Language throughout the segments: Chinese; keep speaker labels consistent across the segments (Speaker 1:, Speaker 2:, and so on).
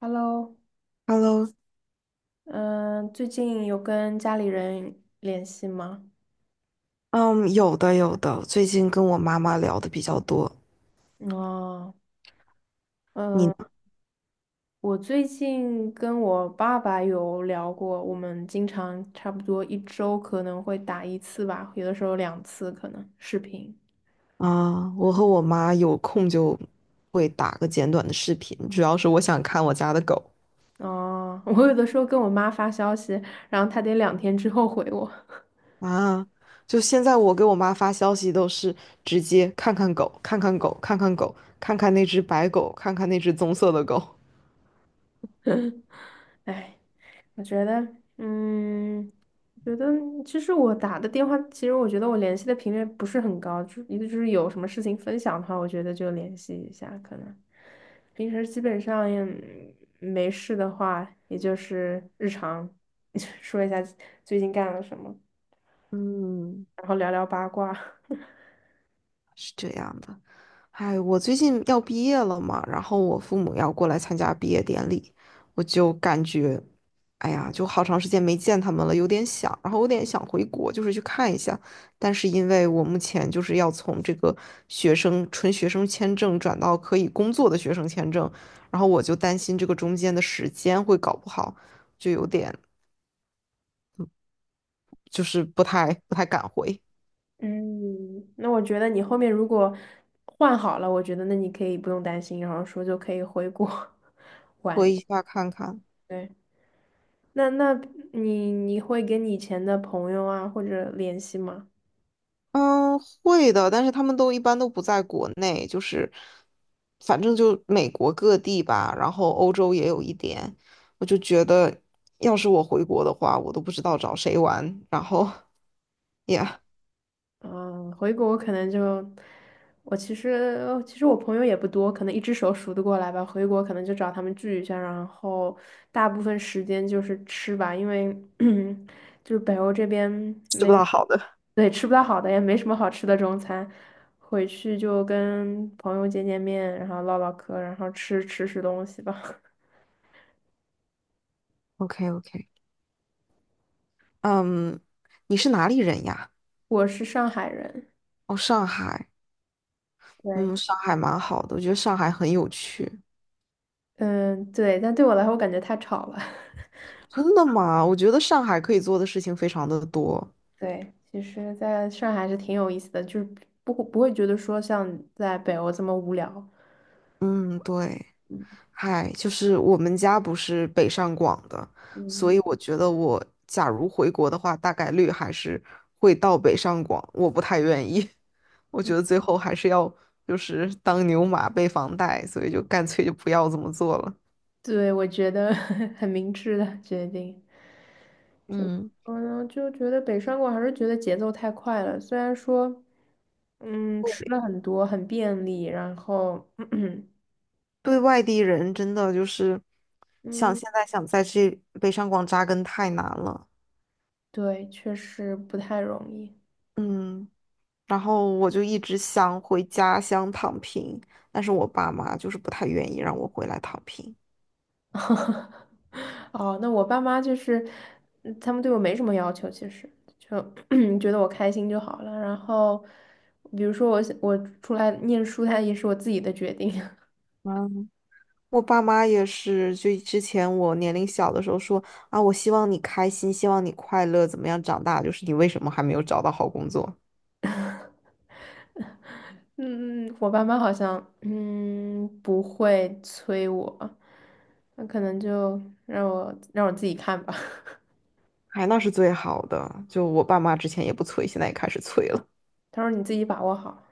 Speaker 1: Hello。
Speaker 2: Hello，
Speaker 1: 嗯，最近有跟家里人联系吗？
Speaker 2: 嗯，有的有的，最近跟我妈妈聊的比较多。
Speaker 1: 哦。
Speaker 2: 你
Speaker 1: 嗯，
Speaker 2: 呢？
Speaker 1: 我最近跟我爸爸有聊过，我们经常差不多一周可能会打一次吧，有的时候两次可能视频。
Speaker 2: 啊，我和我妈有空就会打个简短的视频，主要是我想看我家的狗
Speaker 1: 哦，我有的时候跟我妈发消息，然后她得两天之后回我。
Speaker 2: 啊。就现在我给我妈发消息都是直接看看狗，看看狗，看看狗，看看那只白狗，看看那只棕色的狗。
Speaker 1: 哎。我觉得，嗯，我觉得其实我打的电话，其实我觉得我联系的频率不是很高，就一个就是有什么事情分享的话，我觉得就联系一下，可能平时基本上也没事的话，也就是日常 说一下最近干了什么，
Speaker 2: 嗯。
Speaker 1: 然后聊聊八卦。
Speaker 2: 是这样的。哎，我最近要毕业了嘛，然后我父母要过来参加毕业典礼，我就感觉，哎呀，就好长时间没见他们了，有点想，然后有点想回国，就是去看一下。但是因为我目前就是要从这个学生纯学生签证转到可以工作的学生签证，然后我就担心这个中间的时间会搞不好，就有点就是不太敢回，
Speaker 1: 嗯，那我觉得你后面如果换好了，我觉得那你可以不用担心，然后说就可以回国
Speaker 2: 回
Speaker 1: 玩。
Speaker 2: 一下看看。
Speaker 1: 对。那你会跟你以前的朋友啊或者联系吗？
Speaker 2: 嗯，会的，但是他们都一般都不在国内，就是反正就美国各地吧，然后欧洲也有一点。我就觉得，要是我回国的话，我都不知道找谁玩，然后也
Speaker 1: 嗯，回国可能就我其实我朋友也不多，可能一只手数得过来吧。回国可能就找他们聚一下，然后大部分时间就是吃吧，因为 就是北欧这边
Speaker 2: 吃
Speaker 1: 没。
Speaker 2: 不到好的。
Speaker 1: 对，吃不到好的，也没什么好吃的中餐。回去就跟朋友见见面，然后唠唠嗑，然后吃吃吃东西吧。
Speaker 2: OK OK，嗯，你是哪里人呀？
Speaker 1: 我是上海人。
Speaker 2: 哦，上海。
Speaker 1: 对。
Speaker 2: 嗯，上海蛮好的，我觉得上海很有趣。
Speaker 1: 嗯，对，但对我来说，我感觉太吵了。
Speaker 2: 真的吗？我觉得上海可以做的事情非常的多。
Speaker 1: 对，其实在上海还是挺有意思的，就是不会觉得说像在北欧这么无聊。
Speaker 2: 嗯，对。嗨，就是我们家不是北上广的，
Speaker 1: 嗯。
Speaker 2: 所以我觉得我假如回国的话，大概率还是会到北上广。我不太愿意，我觉得 最后还是要就是当牛马背房贷，所以就干脆就不要这么做了。
Speaker 1: 对，我觉得 很明智的决定。
Speaker 2: 嗯，
Speaker 1: 嗯，就觉得北上广还是觉得节奏太快了，虽然说，嗯，吃了很多，很便利，然后，
Speaker 2: 对外地人真的就是想
Speaker 1: 嗯，
Speaker 2: 现在想在这北上广扎根太难了。
Speaker 1: 对，确实不太容易。
Speaker 2: 嗯，然后我就一直想回家乡躺平，但是我爸妈就是不太愿意让我回来躺平。
Speaker 1: 哦，那我爸妈就是，嗯他们对我没什么要求，其实就 觉得我开心就好了。然后，比如说我想我出来念书，它也是我自己的决定。
Speaker 2: 嗯。我爸妈也是，就之前我年龄小的时候说啊，我希望你开心，希望你快乐，怎么样长大？就是你为什么还没有找到好工作？
Speaker 1: 嗯，我爸妈好像嗯不会催我，那可能就让我自己看吧。
Speaker 2: 哎，那是最好的。就我爸妈之前也不催，现在也开始催了。
Speaker 1: 他说你自己把握好。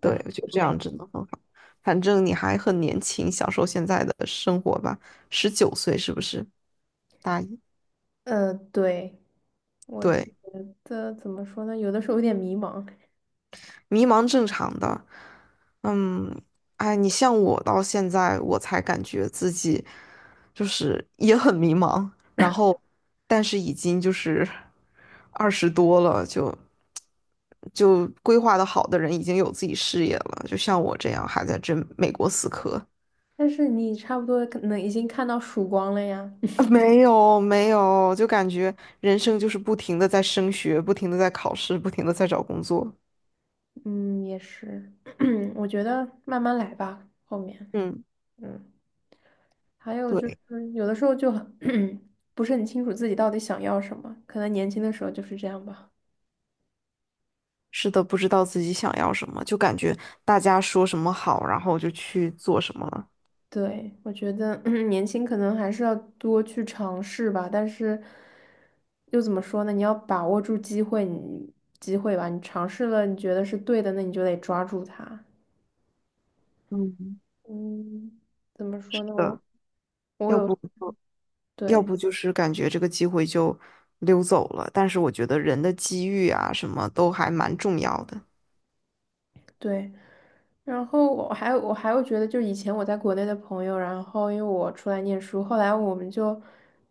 Speaker 2: 对，
Speaker 1: 然后
Speaker 2: 我觉得这
Speaker 1: 没。
Speaker 2: 样真的很好。反正你还很年轻，享受现在的生活吧。19岁是不是？大一，
Speaker 1: 对，我觉
Speaker 2: 对，
Speaker 1: 得怎么说呢？有的时候有点迷茫。
Speaker 2: 迷茫正常的。嗯，哎，你像我到现在，我才感觉自己就是也很迷茫，然后但是已经就是20多了，就就规划的好的人已经有自己事业了，就像我这样还在这美国死磕。
Speaker 1: 但是你差不多可能已经看到曙光了呀。
Speaker 2: 啊没有没有，就感觉人生就是不停的在升学，不停的在考试，不停的在找工作。
Speaker 1: 嗯，也是。我觉得慢慢来吧，后面，
Speaker 2: 嗯，
Speaker 1: 嗯，还有就
Speaker 2: 对。
Speaker 1: 是有的时候就很 不是很清楚自己到底想要什么，可能年轻的时候就是这样吧。
Speaker 2: 是的，不知道自己想要什么，就感觉大家说什么好，然后就去做什么了。
Speaker 1: 对，我觉得 年轻可能还是要多去尝试吧，但是又怎么说呢？你要把握住机会，你机会吧，你尝试了，你觉得是对的，那你就得抓住它。
Speaker 2: 嗯，
Speaker 1: 嗯，怎么说
Speaker 2: 是
Speaker 1: 呢？我
Speaker 2: 的，
Speaker 1: 我
Speaker 2: 要
Speaker 1: 有。
Speaker 2: 不就要
Speaker 1: 对。
Speaker 2: 不就是感觉这个机会就溜走了。但是我觉得人的机遇啊，什么都还蛮重要的。
Speaker 1: 对。然后我还会觉得，就以前我在国内的朋友，然后因为我出来念书，后来我们就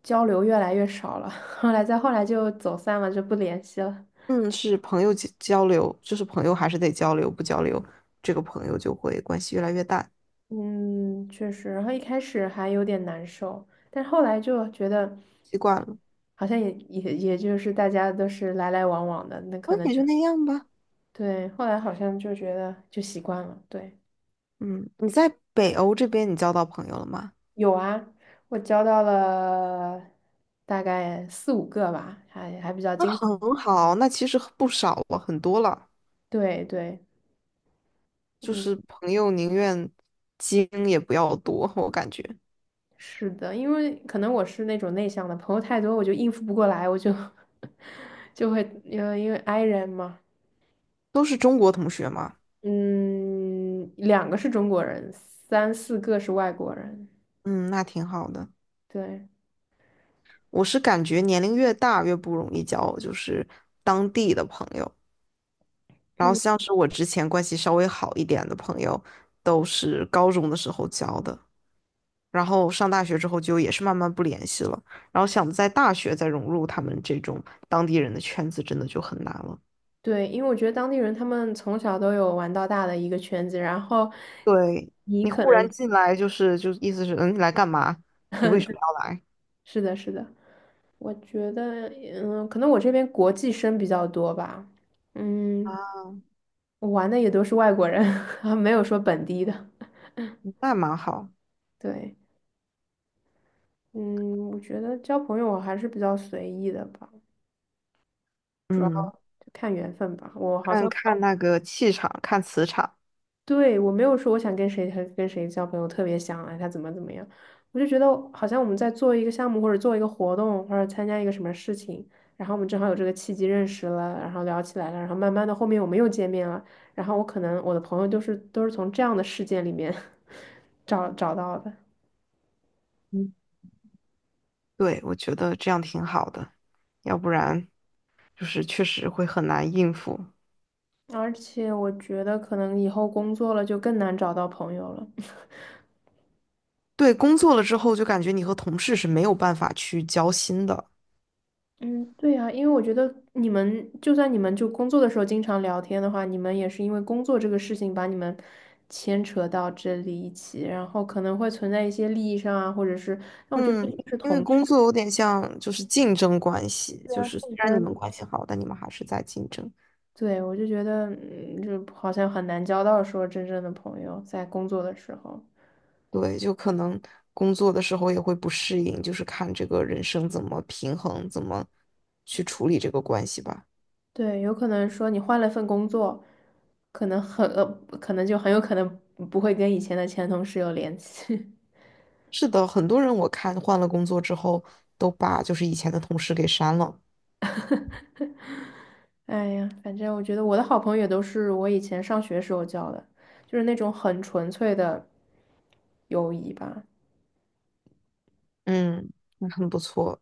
Speaker 1: 交流越来越少了。后来再后来就走散了，就不联系了。
Speaker 2: 嗯，是朋友交交流，就是朋友还是得交流，不交流，这个朋友就会关系越来越淡，
Speaker 1: 嗯，确实，然后一开始还有点难受，但是后来就觉得
Speaker 2: 习惯了，
Speaker 1: 好像也就是大家都是来来往往的，那可
Speaker 2: 嗯，
Speaker 1: 能
Speaker 2: 也
Speaker 1: 就
Speaker 2: 就那样吧。
Speaker 1: 对，后来好像就觉得就习惯了。对。
Speaker 2: 嗯，你在北欧这边你交到朋友了吗？
Speaker 1: 有啊，我交到了大概四五个吧，还比较
Speaker 2: 那
Speaker 1: 经常。
Speaker 2: 很好，那其实不少了，很多了。
Speaker 1: 对对。
Speaker 2: 就
Speaker 1: 嗯，
Speaker 2: 是朋友宁愿精也不要多，我感觉
Speaker 1: 是的，因为可能我是那种内向的，朋友太多我就应付不过来，我就 就会因为 i 人嘛。
Speaker 2: 都是中国同学嘛，
Speaker 1: 嗯，两个是中国人，三四个是外国人。
Speaker 2: 嗯，那挺好的。
Speaker 1: 对。
Speaker 2: 我是感觉年龄越大越不容易交，就是当地的朋友。然后
Speaker 1: 嗯，
Speaker 2: 像是我之前关系稍微好一点的朋友，都是高中的时候交的，然后上大学之后就也是慢慢不联系了。然后想在大学再融入他们这种当地人的圈子，真的就很难了。
Speaker 1: 对，因为我觉得当地人他们从小都有玩到大的一个圈子，然后
Speaker 2: 对，
Speaker 1: 你
Speaker 2: 你
Speaker 1: 可
Speaker 2: 忽
Speaker 1: 能
Speaker 2: 然进来，就是就意思是，嗯，你来干嘛？你为什么要来？
Speaker 1: 是的，是的。我觉得，嗯，可能我这边国际生比较多吧，嗯，我玩的也都是外国人，没有说本地的。
Speaker 2: 那蛮好。
Speaker 1: 对。嗯，我觉得交朋友我还是比较随意的吧，主要
Speaker 2: 嗯，
Speaker 1: 就看缘分吧。我好
Speaker 2: 看
Speaker 1: 像
Speaker 2: 看那个气场，看磁场。
Speaker 1: 对，我没有说我想跟谁和跟谁交朋友，特别想哎他怎么怎么样，我就觉得好像我们在做一个项目或者做一个活动或者参加一个什么事情，然后我们正好有这个契机认识了，然后聊起来了，然后慢慢的后面我们又见面了，然后我可能我的朋友都是从这样的事件里面 找到的。
Speaker 2: 嗯，对，我觉得这样挺好的，要不然就是确实会很难应付。
Speaker 1: 而且我觉得可能以后工作了就更难找到朋友了。
Speaker 2: 对，工作了之后就感觉你和同事是没有办法去交心的。
Speaker 1: 嗯，对呀，因为我觉得你们就算你们就工作的时候经常聊天的话，你们也是因为工作这个事情把你们牵扯到这里一起，然后可能会存在一些利益上啊，或者是，那我觉得毕
Speaker 2: 嗯，
Speaker 1: 竟是
Speaker 2: 因为
Speaker 1: 同事
Speaker 2: 工作有点像就是竞争关系，
Speaker 1: 啊。
Speaker 2: 就是虽
Speaker 1: 竞
Speaker 2: 然你们
Speaker 1: 争。
Speaker 2: 关系好，但你们还是在竞争。
Speaker 1: 对，我就觉得，嗯，就好像很难交到说真正的朋友，在工作的时候。
Speaker 2: 对，就可能工作的时候也会不适应，就是看这个人生怎么平衡，怎么去处理这个关系吧。
Speaker 1: 对，有可能说你换了份工作，可能很，可能就很有可能不会跟以前的前同事有联系。
Speaker 2: 是的，很多人我看换了工作之后，都把就是以前的同事给删了。
Speaker 1: 哎呀，反正我觉得我的好朋友也都是我以前上学时候交的，就是那种很纯粹的友谊吧。
Speaker 2: 嗯，那很不错，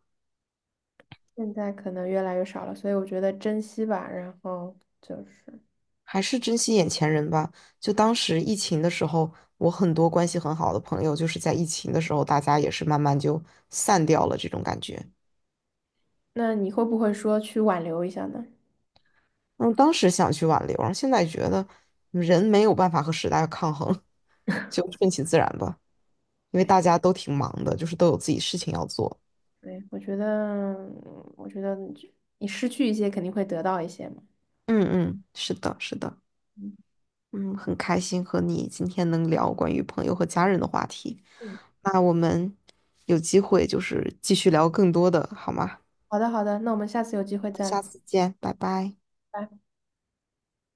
Speaker 1: 现在可能越来越少了，所以我觉得珍惜吧。然后就是，
Speaker 2: 还是珍惜眼前人吧。就当时疫情的时候，我很多关系很好的朋友，就是在疫情的时候，大家也是慢慢就散掉了这种感觉。
Speaker 1: 那你会不会说去挽留一下呢？
Speaker 2: 嗯，当时想去挽留，然后现在觉得人没有办法和时代抗衡，就顺其自然吧。因为
Speaker 1: 对，
Speaker 2: 大家都挺忙的，就是都有自己事情要做。
Speaker 1: 对，我觉得，我觉得你失去一些肯定会得到一些嘛。
Speaker 2: 嗯嗯，是的，是的。
Speaker 1: 嗯。
Speaker 2: 嗯，很开心和你今天能聊关于朋友和家人的话题。
Speaker 1: 嗯，
Speaker 2: 那我们有机会就是继续聊更多的，好吗？
Speaker 1: 好的，好的，那我们下次有机会再聊。
Speaker 2: 下次见，拜拜。
Speaker 1: 拜拜。